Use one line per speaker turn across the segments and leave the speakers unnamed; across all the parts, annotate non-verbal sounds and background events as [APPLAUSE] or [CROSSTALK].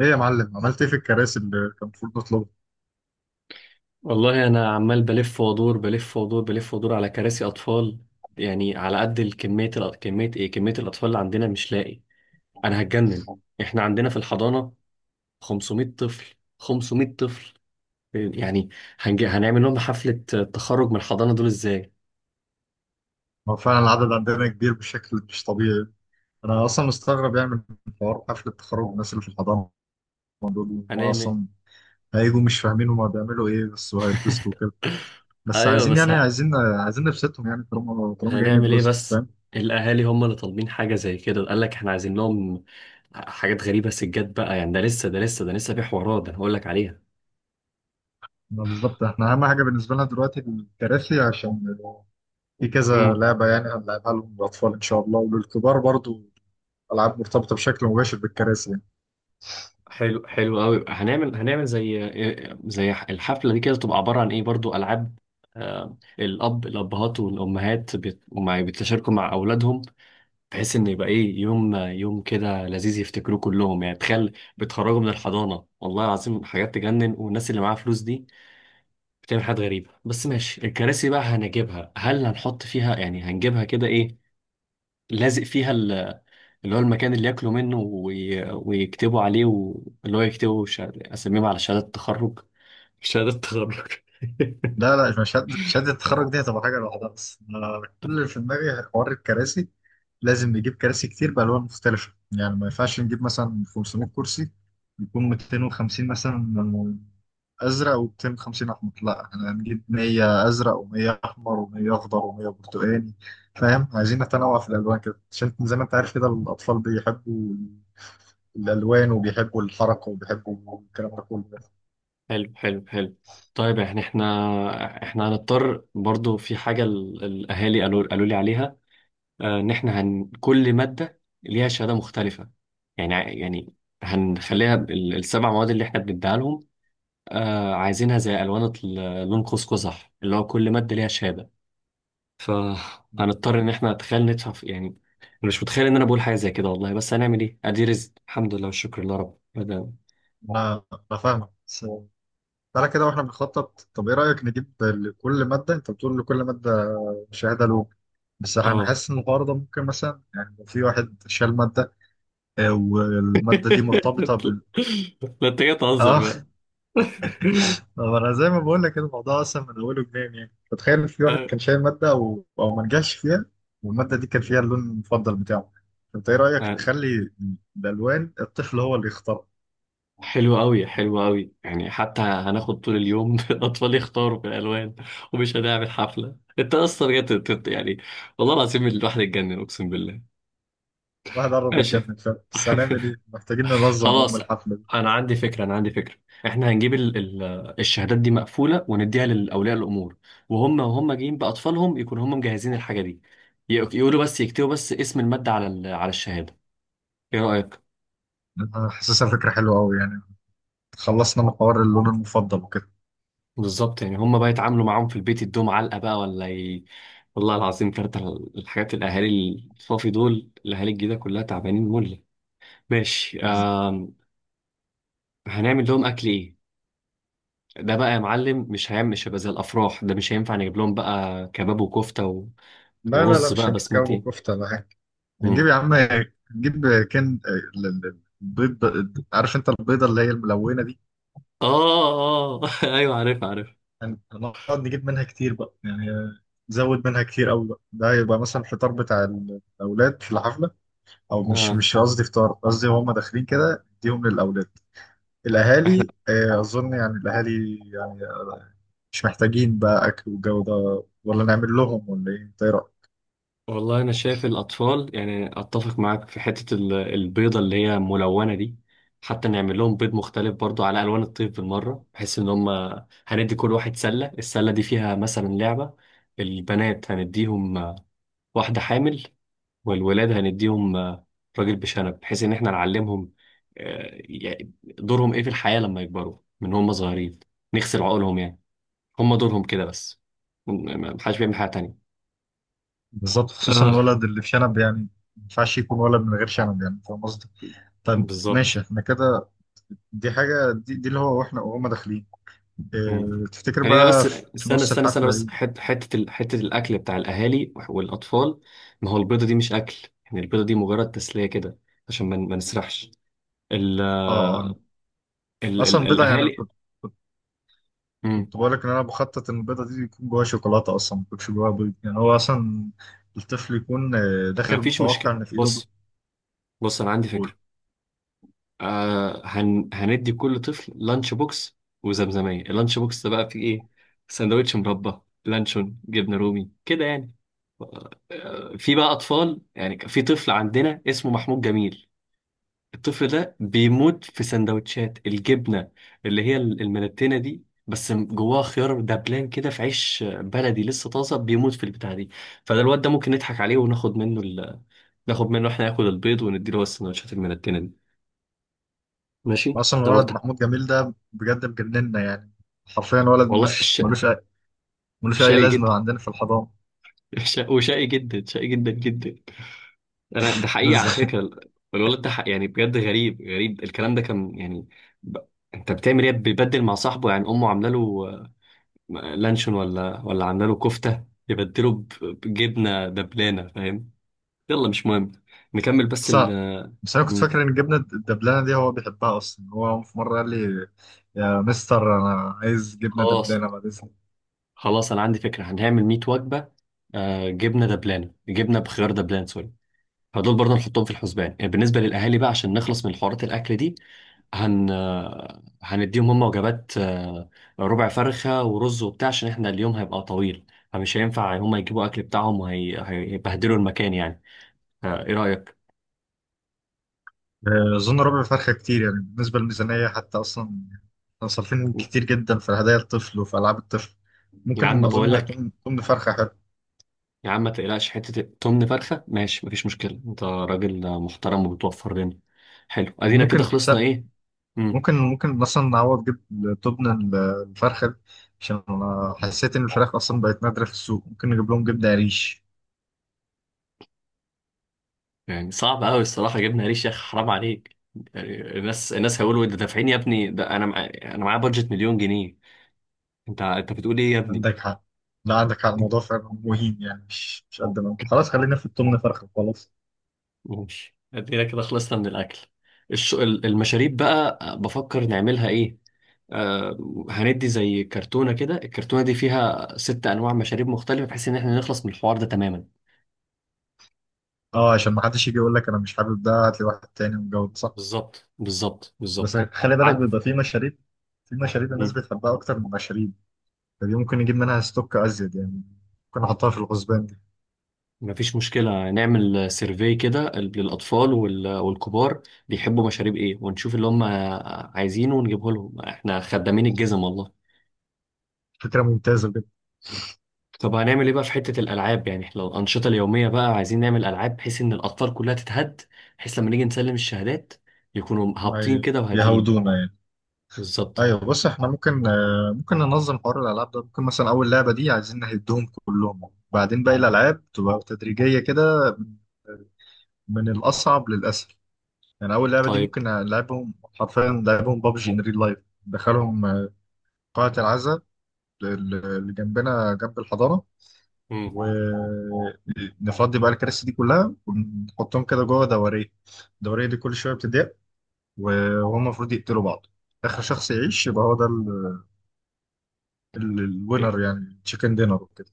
ايه يا معلم؟ عملت ايه في الكراسي اللي كان المفروض نطلبها؟
والله انا عمال بلف وادور بلف وادور بلف وادور على كراسي اطفال. يعني على قد الكميه، كميه ايه، كميه الاطفال اللي عندنا مش لاقي. انا هتجنن. احنا عندنا في الحضانه 500 طفل، 500 طفل يعني. هنعمل لهم حفله تخرج من الحضانه دول ازاي.
هو فعلا العدد عندنا كبير بشكل مش طبيعي. انا اصلا مستغرب يعني من حوار حفله التخرج، الناس اللي في الحضانه دول هم
هنعمل
اصلا هيجوا مش فاهمين هما بيعملوا ايه، بس هيتبسطوا وكده.
[LAUGHS]
بس
ايوه،
عايزين
بس
يعني عايزين نبسطهم، يعني طالما جايين
هنعمل ايه
يتبسطوا،
بس.
فاهم.
الاهالي هم اللي طالبين حاجه زي كده، قال لك احنا عايزين لهم حاجات غريبه. سجاد بقى يعني، ده لسه في حوارات، ده انا هقول لك عليها.
ما بالظبط، احنا اهم حاجه بالنسبه لنا دلوقتي الكراسي، عشان في كذا لعبه يعني هنلعبها لهم للاطفال ان شاء الله وللكبار برضو، العاب مرتبطه بشكل مباشر بالكراسي يعني.
حلو، حلو قوي. هنعمل زي الحفله دي كده، تبقى عباره عن ايه؟ برضو العاب. الابهات والامهات بيتشاركوا مع اولادهم، بحيث ان يبقى ايه، يوم يوم كده لذيذ يفتكروه كلهم. يعني تخيل، بتخرجوا من الحضانه، والله العظيم حاجات تجنن. والناس اللي معاها فلوس دي بتعمل حاجات غريبه. بس ماشي، الكراسي بقى هنجيبها، هل هنحط فيها يعني، هنجيبها كده ايه لازق فيها، اللي هو المكان اللي ياكلوا منه ويكتبوا عليه اللي هو يكتبوا اساميهم على شهادة التخرج، شهادة تخرج.
لا لا، مش شهادة، شهادة التخرج دي هتبقى حاجة لوحدها، بس أنا كل اللي في
[LAUGHS]
دماغي حوار الكراسي. لازم نجيب كراسي كتير بألوان مختلفة، يعني ما ينفعش نجيب مثلا 500 كرسي، يكون 250 مثلا أزرق و250 أحمر؟ لا احنا هنجيب 100 أزرق و100 أحمر و100 أخضر و100 برتقاني، فاهم؟ عايزين نتنوع في الألوان كده عشان زي ما أنت عارف كده، الأطفال بيحبوا الألوان وبيحبوا الحركة وبيحبوا الكلام ده كله.
حلو، حلو حلو. طيب يعني، احنا هنضطر برضو في حاجة، الأهالي قالوا لي عليها. إن احنا، كل مادة ليها شهادة مختلفة. يعني هنخليها السبع مواد اللي احنا بنديها لهم، عايزينها زي ألوان لون قوس قزح، اللي هو كل مادة ليها شهادة. فهنضطر ان احنا، تخيل، ندفع يعني انا مش متخيل ان انا بقول حاجه زي كده والله. بس هنعمل ايه، ادي رزق، الحمد لله والشكر لله، رب
أنا أنا فاهمك. So تعالى كده واحنا بنخطط، طب ايه رأيك نجيب لكل مادة؟ انت بتقول لكل مادة شهادة له؟ بس انا
اه.
حاسس ان الحوار ده ممكن مثلا، يعني لو في واحد شال مادة، والمادة دي
[LAUGHS]
مرتبطة بال...
لا، انت جاي تهزر بقى.
اه. [LAUGHS] طب انا زي ما بقول لك كده، الموضوع اصلا من اوله جنان، يعني فتخيل في واحد
آه،
كان شايل مادة او ما نجحش فيها، والمادة دي كان فيها اللون المفضل بتاعه. انت ايه رأيك
آه،
نخلي الالوان الطفل هو اللي يختارها؟
حلو قوي، حلو قوي. يعني حتى هناخد طول اليوم [LAUGHS] الاطفال يختاروا في الالوان، ومش هنعمل حفله. انت اصلا جاي يعني، والله العظيم الواحد اتجنن، اقسم بالله.
الواحد قرب
ماشي.
يتجنن فعلا، بس هنعمل ايه،
[LAUGHS]
محتاجين ننظم
خلاص،
الحفلة دي.
انا عندي فكره، انا عندي فكره. احنا هنجيب ال ال الشهادات دي مقفوله، ونديها للاولياء الامور. وهم جايين باطفالهم، يكونوا هم مجهزين الحاجه دي. يقولوا بس، يكتبوا بس اسم الماده على على الشهاده. ايه رايك؟
انا حاسسها فكرة حلوة قوي يعني، خلصنا من حوار اللون المفضل وكده.
بالظبط، يعني هم بقى يتعاملوا معاهم في البيت، يدوهم علقه بقى ولا والله العظيم. كارت الحاجات، الاهالي الصافي دول، الاهالي الجديده كلها تعبانين مله. ماشي. هنعمل لهم اكل ايه؟ ده بقى يا معلم مش هيبقى زي الافراح. ده مش هينفع نجيب لهم بقى كباب وكفته،
لا لا لا،
ورز
مش
بقى
هنجيب كباب
بسمتي.
وكفته ولا حاجه. هنجيب
مم.
يا عم، هنجيب. كان البيض، عارف انت البيضه اللي هي الملونه دي؟
اه، اه. [LAUGHS] ايوه، عارف عارف.
هنقعد نجيب منها كتير بقى يعني، نزود منها كتير قوي بقى. ده هيبقى مثلا الفطار بتاع الاولاد في الحفله، او مش
اه،
قصدي فطار، قصدي هم داخلين كده اديهم للاولاد.
احنا.
الاهالي اظن يعني الاهالي يعني مش محتاجين بقى اكل والجو ده، ولا نعمل لهم ولا ايه، إنت إيه رأيك؟
والله انا شايف الاطفال، يعني اتفق معاك في حته البيضه اللي هي ملونه دي. حتى نعمل لهم بيض مختلف برضو على الوان الطيف بالمره، بحيث ان هم هندي كل واحد سله. السله دي فيها مثلا لعبه. البنات هنديهم واحده حامل. والولاد هنديهم راجل بشنب، بحيث ان احنا نعلمهم يعني دورهم ايه في الحياه لما يكبروا، من هم صغيرين نغسل عقولهم يعني. هم دورهم كده بس، محدش بيعمل حاجة تانية.
بالظبط، خصوصا
اه،
الولد اللي في شنب يعني، ما ينفعش يكون ولد من غير شنب، يعني فاهم قصدي؟ طيب ماشي
بالظبط.
احنا كده. دي حاجة دي, اللي هو واحنا وهم داخلين.
مم.
اه، تفتكر
خلينا بس،
بقى؟ في
استنى
نص
استنى استنى
الحفلة
بس
دي
حتة حتة الأكل بتاع الأهالي والأطفال. ما هو البيضة دي مش أكل يعني، البيضة دي مجرد تسلية كده، عشان ما نسرحش ال
اه، اه، آه.
ال
اصلا
ال
البيضة يعني،
الأهالي.
كنت
مم.
كنت بقول لك ان انا بخطط ان البيضة دي يكون جواها شوكولاتة، اصلا ما يكونش جواها بيض، يعني هو اصلا الطفل يكون داخل
ما فيش
متوقع
مشكلة.
ان في ايده بيض.
بص، بص، أنا عندي فكرة.
بول.
هندي كل طفل لانش بوكس وزمزمية. اللانش بوكس ده بقى فيه إيه؟ سندوتش مربى، لانشون، جبنة رومي كده يعني. في بقى اطفال يعني، كان في طفل عندنا اسمه محمود جميل. الطفل ده بيموت في سندوتشات الجبنه اللي هي الملتينه دي، بس جواها خيار دبلان كده في عيش بلدي لسه طازه، بيموت في البتاع دي. فده الواد ده ممكن نضحك عليه، وناخد منه ناخد منه، احنا ناكل البيض ونديله بس السندوتشات الملتينه دي. ماشي.
اصلا
ده
الولد
برضه
محمود جميل ده بجد مجننا يعني، حرفيا ولد
والله،
ملوش اي
شقي جدا.
لازمة عندنا في الحضانة.
[LAUGHS] وشقي جدا، شقي جدا جدا. انا ده حقيقي على
[LAUGHS]
فكره، الولد ده حق يعني، بجد غريب، غريب الكلام ده، كان يعني ب... انت بتعمل ايه؟ بيبدل مع صاحبه يعني. امه عامله له لانشون ولا عامله له كفته، يبدله بجبنه دبلانه، فاهم. يلا مش مهم، نكمل بس
بس
ال آه،
بس انا كنت
مم.
فاكر ان الجبنه الدبلانه دي هو بيحبها اصلا. هو في مره قال لي: يا مستر انا عايز جبنه
خلاص،
دبلانه بعد اذنك.
خلاص، انا عندي فكره، هنعمل 100 وجبه. جبنه دبلانه، جبنه بخيار دبلان، سوري. فدول برضه نحطهم في الحسبان، يعني بالنسبة للأهالي بقى، عشان نخلص من حوارات الأكل دي. هن هنديهم هم وجبات، ربع فرخة ورز وبتاع، عشان احنا اليوم هيبقى طويل. فمش هينفع هم يجيبوا أكل بتاعهم وهيبهدلوا المكان يعني. إيه رأيك؟
اظن ربع فرخه كتير يعني بالنسبه للميزانيه، حتى اصلا احنا صارفين كتير جدا في هدايا الطفل وفي العاب الطفل،
يا
ممكن
عم
اظن
بقول
انها
لك،
تكون فرخه حلوه.
يا عم ما تقلقش، حتة تمن فرخة ماشي مفيش مشكلة، أنت راجل محترم وبتوفر لنا. حلو، أدينا كده،
وممكن س-
خلصنا إيه؟
ممكن ممكن مثلا نعوض جبن تبن الفرخه دي، عشان انا حسيت ان الفراخ اصلا بقت نادره في السوق، ممكن نجيب لهم جبنه قريش.
يعني صعب قوي الصراحه، جبنا ريش يا اخي، حرام عليك. يعني الناس هيقولوا انت دافعين يا ابني، ده انا انا معايا بادجت مليون جنيه. انت بتقول ايه يا ابني؟
عندك حق. لا عندك حق، الموضوع فعلا مهين، يعني مش قد ما، خلاص خلينا في التمن فرخ، خلاص.
ماشي، ادينا كده، خلصنا من الاكل. المشاريب بقى، بفكر نعملها ايه. آه... هندي زي كرتونه كده، الكرتونه دي فيها ست انواع مشاريب مختلفه، بحيث ان احنا نخلص من الحوار ده تماما.
اه، عشان ما حدش يجي يقول لك انا مش حابب ده، هات لي واحد تاني ومجود، صح.
بالظبط، بالظبط،
بس
بالظبط.
خلي بالك
عد...
بيبقى في مشاريب، في مشاريب الناس بتحبها اكتر من مشاريب، فدي ممكن نجيب منها ستوك ازيد يعني، ممكن نحطها في الغزبان دي.
مفيش مشكلة، نعمل سيرفي كده للأطفال والكبار. بيحبوا مشاريب إيه؟ ونشوف اللي هم عايزينه، ونجيبه لهم. إحنا خدامين الجزم والله.
فكره ممتازه جدا.
طب هنعمل إيه بقى في حتة الألعاب؟ يعني إحنا لو الأنشطة اليومية بقى، عايزين نعمل ألعاب بحيث إن الأطفال كلها تتهد، بحيث لما نيجي نسلم الشهادات، يكونوا
ما
هابطين كده وهاديين.
يهودونا يعني.
بالظبط.
ايوه بص، احنا ممكن ممكن ننظم حوار الالعاب ده، ممكن مثلا اول لعبه دي عايزين نهدهم كلهم، بعدين باقي الالعاب تبقى تدريجيه كده، من آه، من الاصعب للاسهل. يعني اول لعبه دي
طيب.
ممكن لعبهم، حرفيا لعبهم بابجي ان ريل لايف، دخلهم قاعه العزاء اللي جنبنا جنب الحضانه،
مم.
ونفضي بقى الكراسي دي كلها ونحطهم كده جوه دوريه. الدوريه دي كل شويه بتضيق، وهم المفروض يقتلوا بعض. اخر شخص يعيش يبقى هو ده
ي-
الوينر، يعني تشيكن دينر وكده.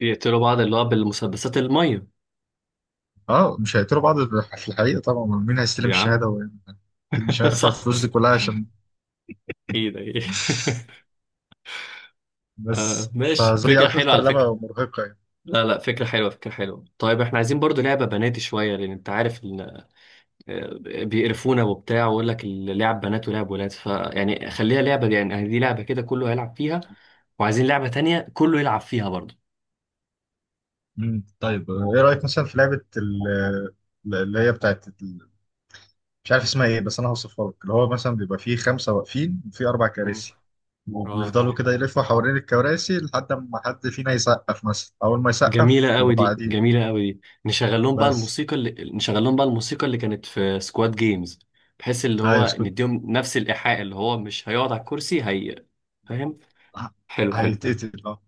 يقتلوا بعض، اللي هو بالمسدسات المية.
اه، مش هيقتلوا بعض في الحقيقه طبعا، مين هيستلم
يا
الشهاده
عم.
اكيد مش
[LAUGHS]
هيدفع
صح،
الفلوس دي
صح،
كلها عشان...
إيه ده إيه؟ [LAUGHS] آه
بس
ماشي،
فدي
فكرة حلوة
اكتر
على فكرة.
لعبه مرهقه.
لا، لا، فكرة حلوة، فكرة حلوة. طيب احنا عايزين برضو لعبة بناتي شوية، لأن أنت عارف إن آه، بيقرفونا وبتاع، ويقول لك اللعب بنات ولعب ولاد. فيعني خليها لعبة دي، يعني دي لعبة كده كله هيلعب فيها. وعايزين لعبة تانية كله يلعب فيها برضو.
مم. طيب، ايه رايك مثلا في لعبه اللي هي بتاعت مش عارف اسمها ايه، بس انا هوصفها لك. اللي هو مثلا بيبقى فيه خمسه واقفين وفيه اربع
مم.
كراسي،
اه.
وبيفضلوا كده يلفوا حوالين الكراسي لحد ما حد فينا يسقف، مثلا اول ما يسقف
جميلة قوي
يروحوا
دي،
قاعدين.
جميلة قوي دي.
بس
نشغل لهم بقى الموسيقى اللي كانت في سكواد جيمز، بحيث اللي
ايوه
هو
اسكت،
نديهم نفس الإيحاء اللي هو مش هيقعد على الكرسي هي. فاهم؟
ه-
حلو، حلو.
هيتقتل اه.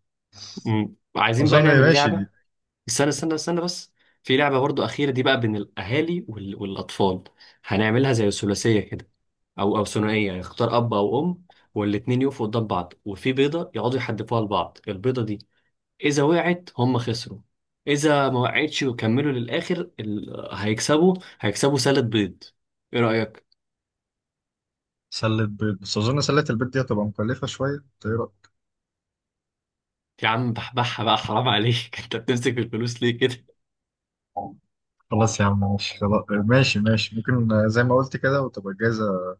عايزين بقى
اظن
نعمل
ماشي دي.
لعبة، استنى استنى استنى بس، في لعبة برضو أخيرة دي بقى بين الأهالي والأطفال. هنعملها زي ثلاثية كده، أو ثنائية. يعني اختار أب أو أم، والاتنين يقفوا قدام بعض، وفي بيضة يقعدوا يحدفوها لبعض. البيضة دي إذا وقعت هم خسروا، إذا ما وقعتش وكملوا للآخر هيكسبوا سالة بيض. إيه رأيك؟
سلة بيض، بس اظن سلة البيض دي هتبقى مكلفه شويه، إنت إيه رأيك؟
يا عم بحبحها بقى، حرام عليك. [LAUGHS] أنت بتمسك الفلوس ليه؟
خلاص يا عم ماشي، خلاص، ماشي ممكن، زي ما قلت كده وتبقى جاهزه،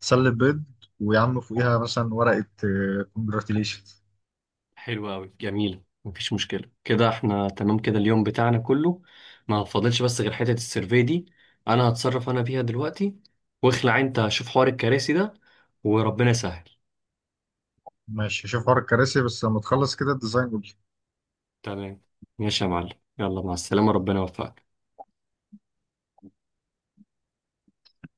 تسلي البيض، ويا عم فوقيها مثلا ورقة كونجراتيليشنز.
حلو قوي، جميل، مفيش مشكله. كده احنا تمام، كده اليوم بتاعنا كله ما فاضلش بس غير حته السيرفي دي. انا هتصرف انا فيها دلوقتي، واخلع انت شوف حوار الكراسي ده. وربنا يسهل.
ماشي، شوف حوار الكراسي، بس لما تخلص كده الديزاين قول لي.
تمام، ماشي يا معلم. يلا، مع السلامه، ربنا يوفقك.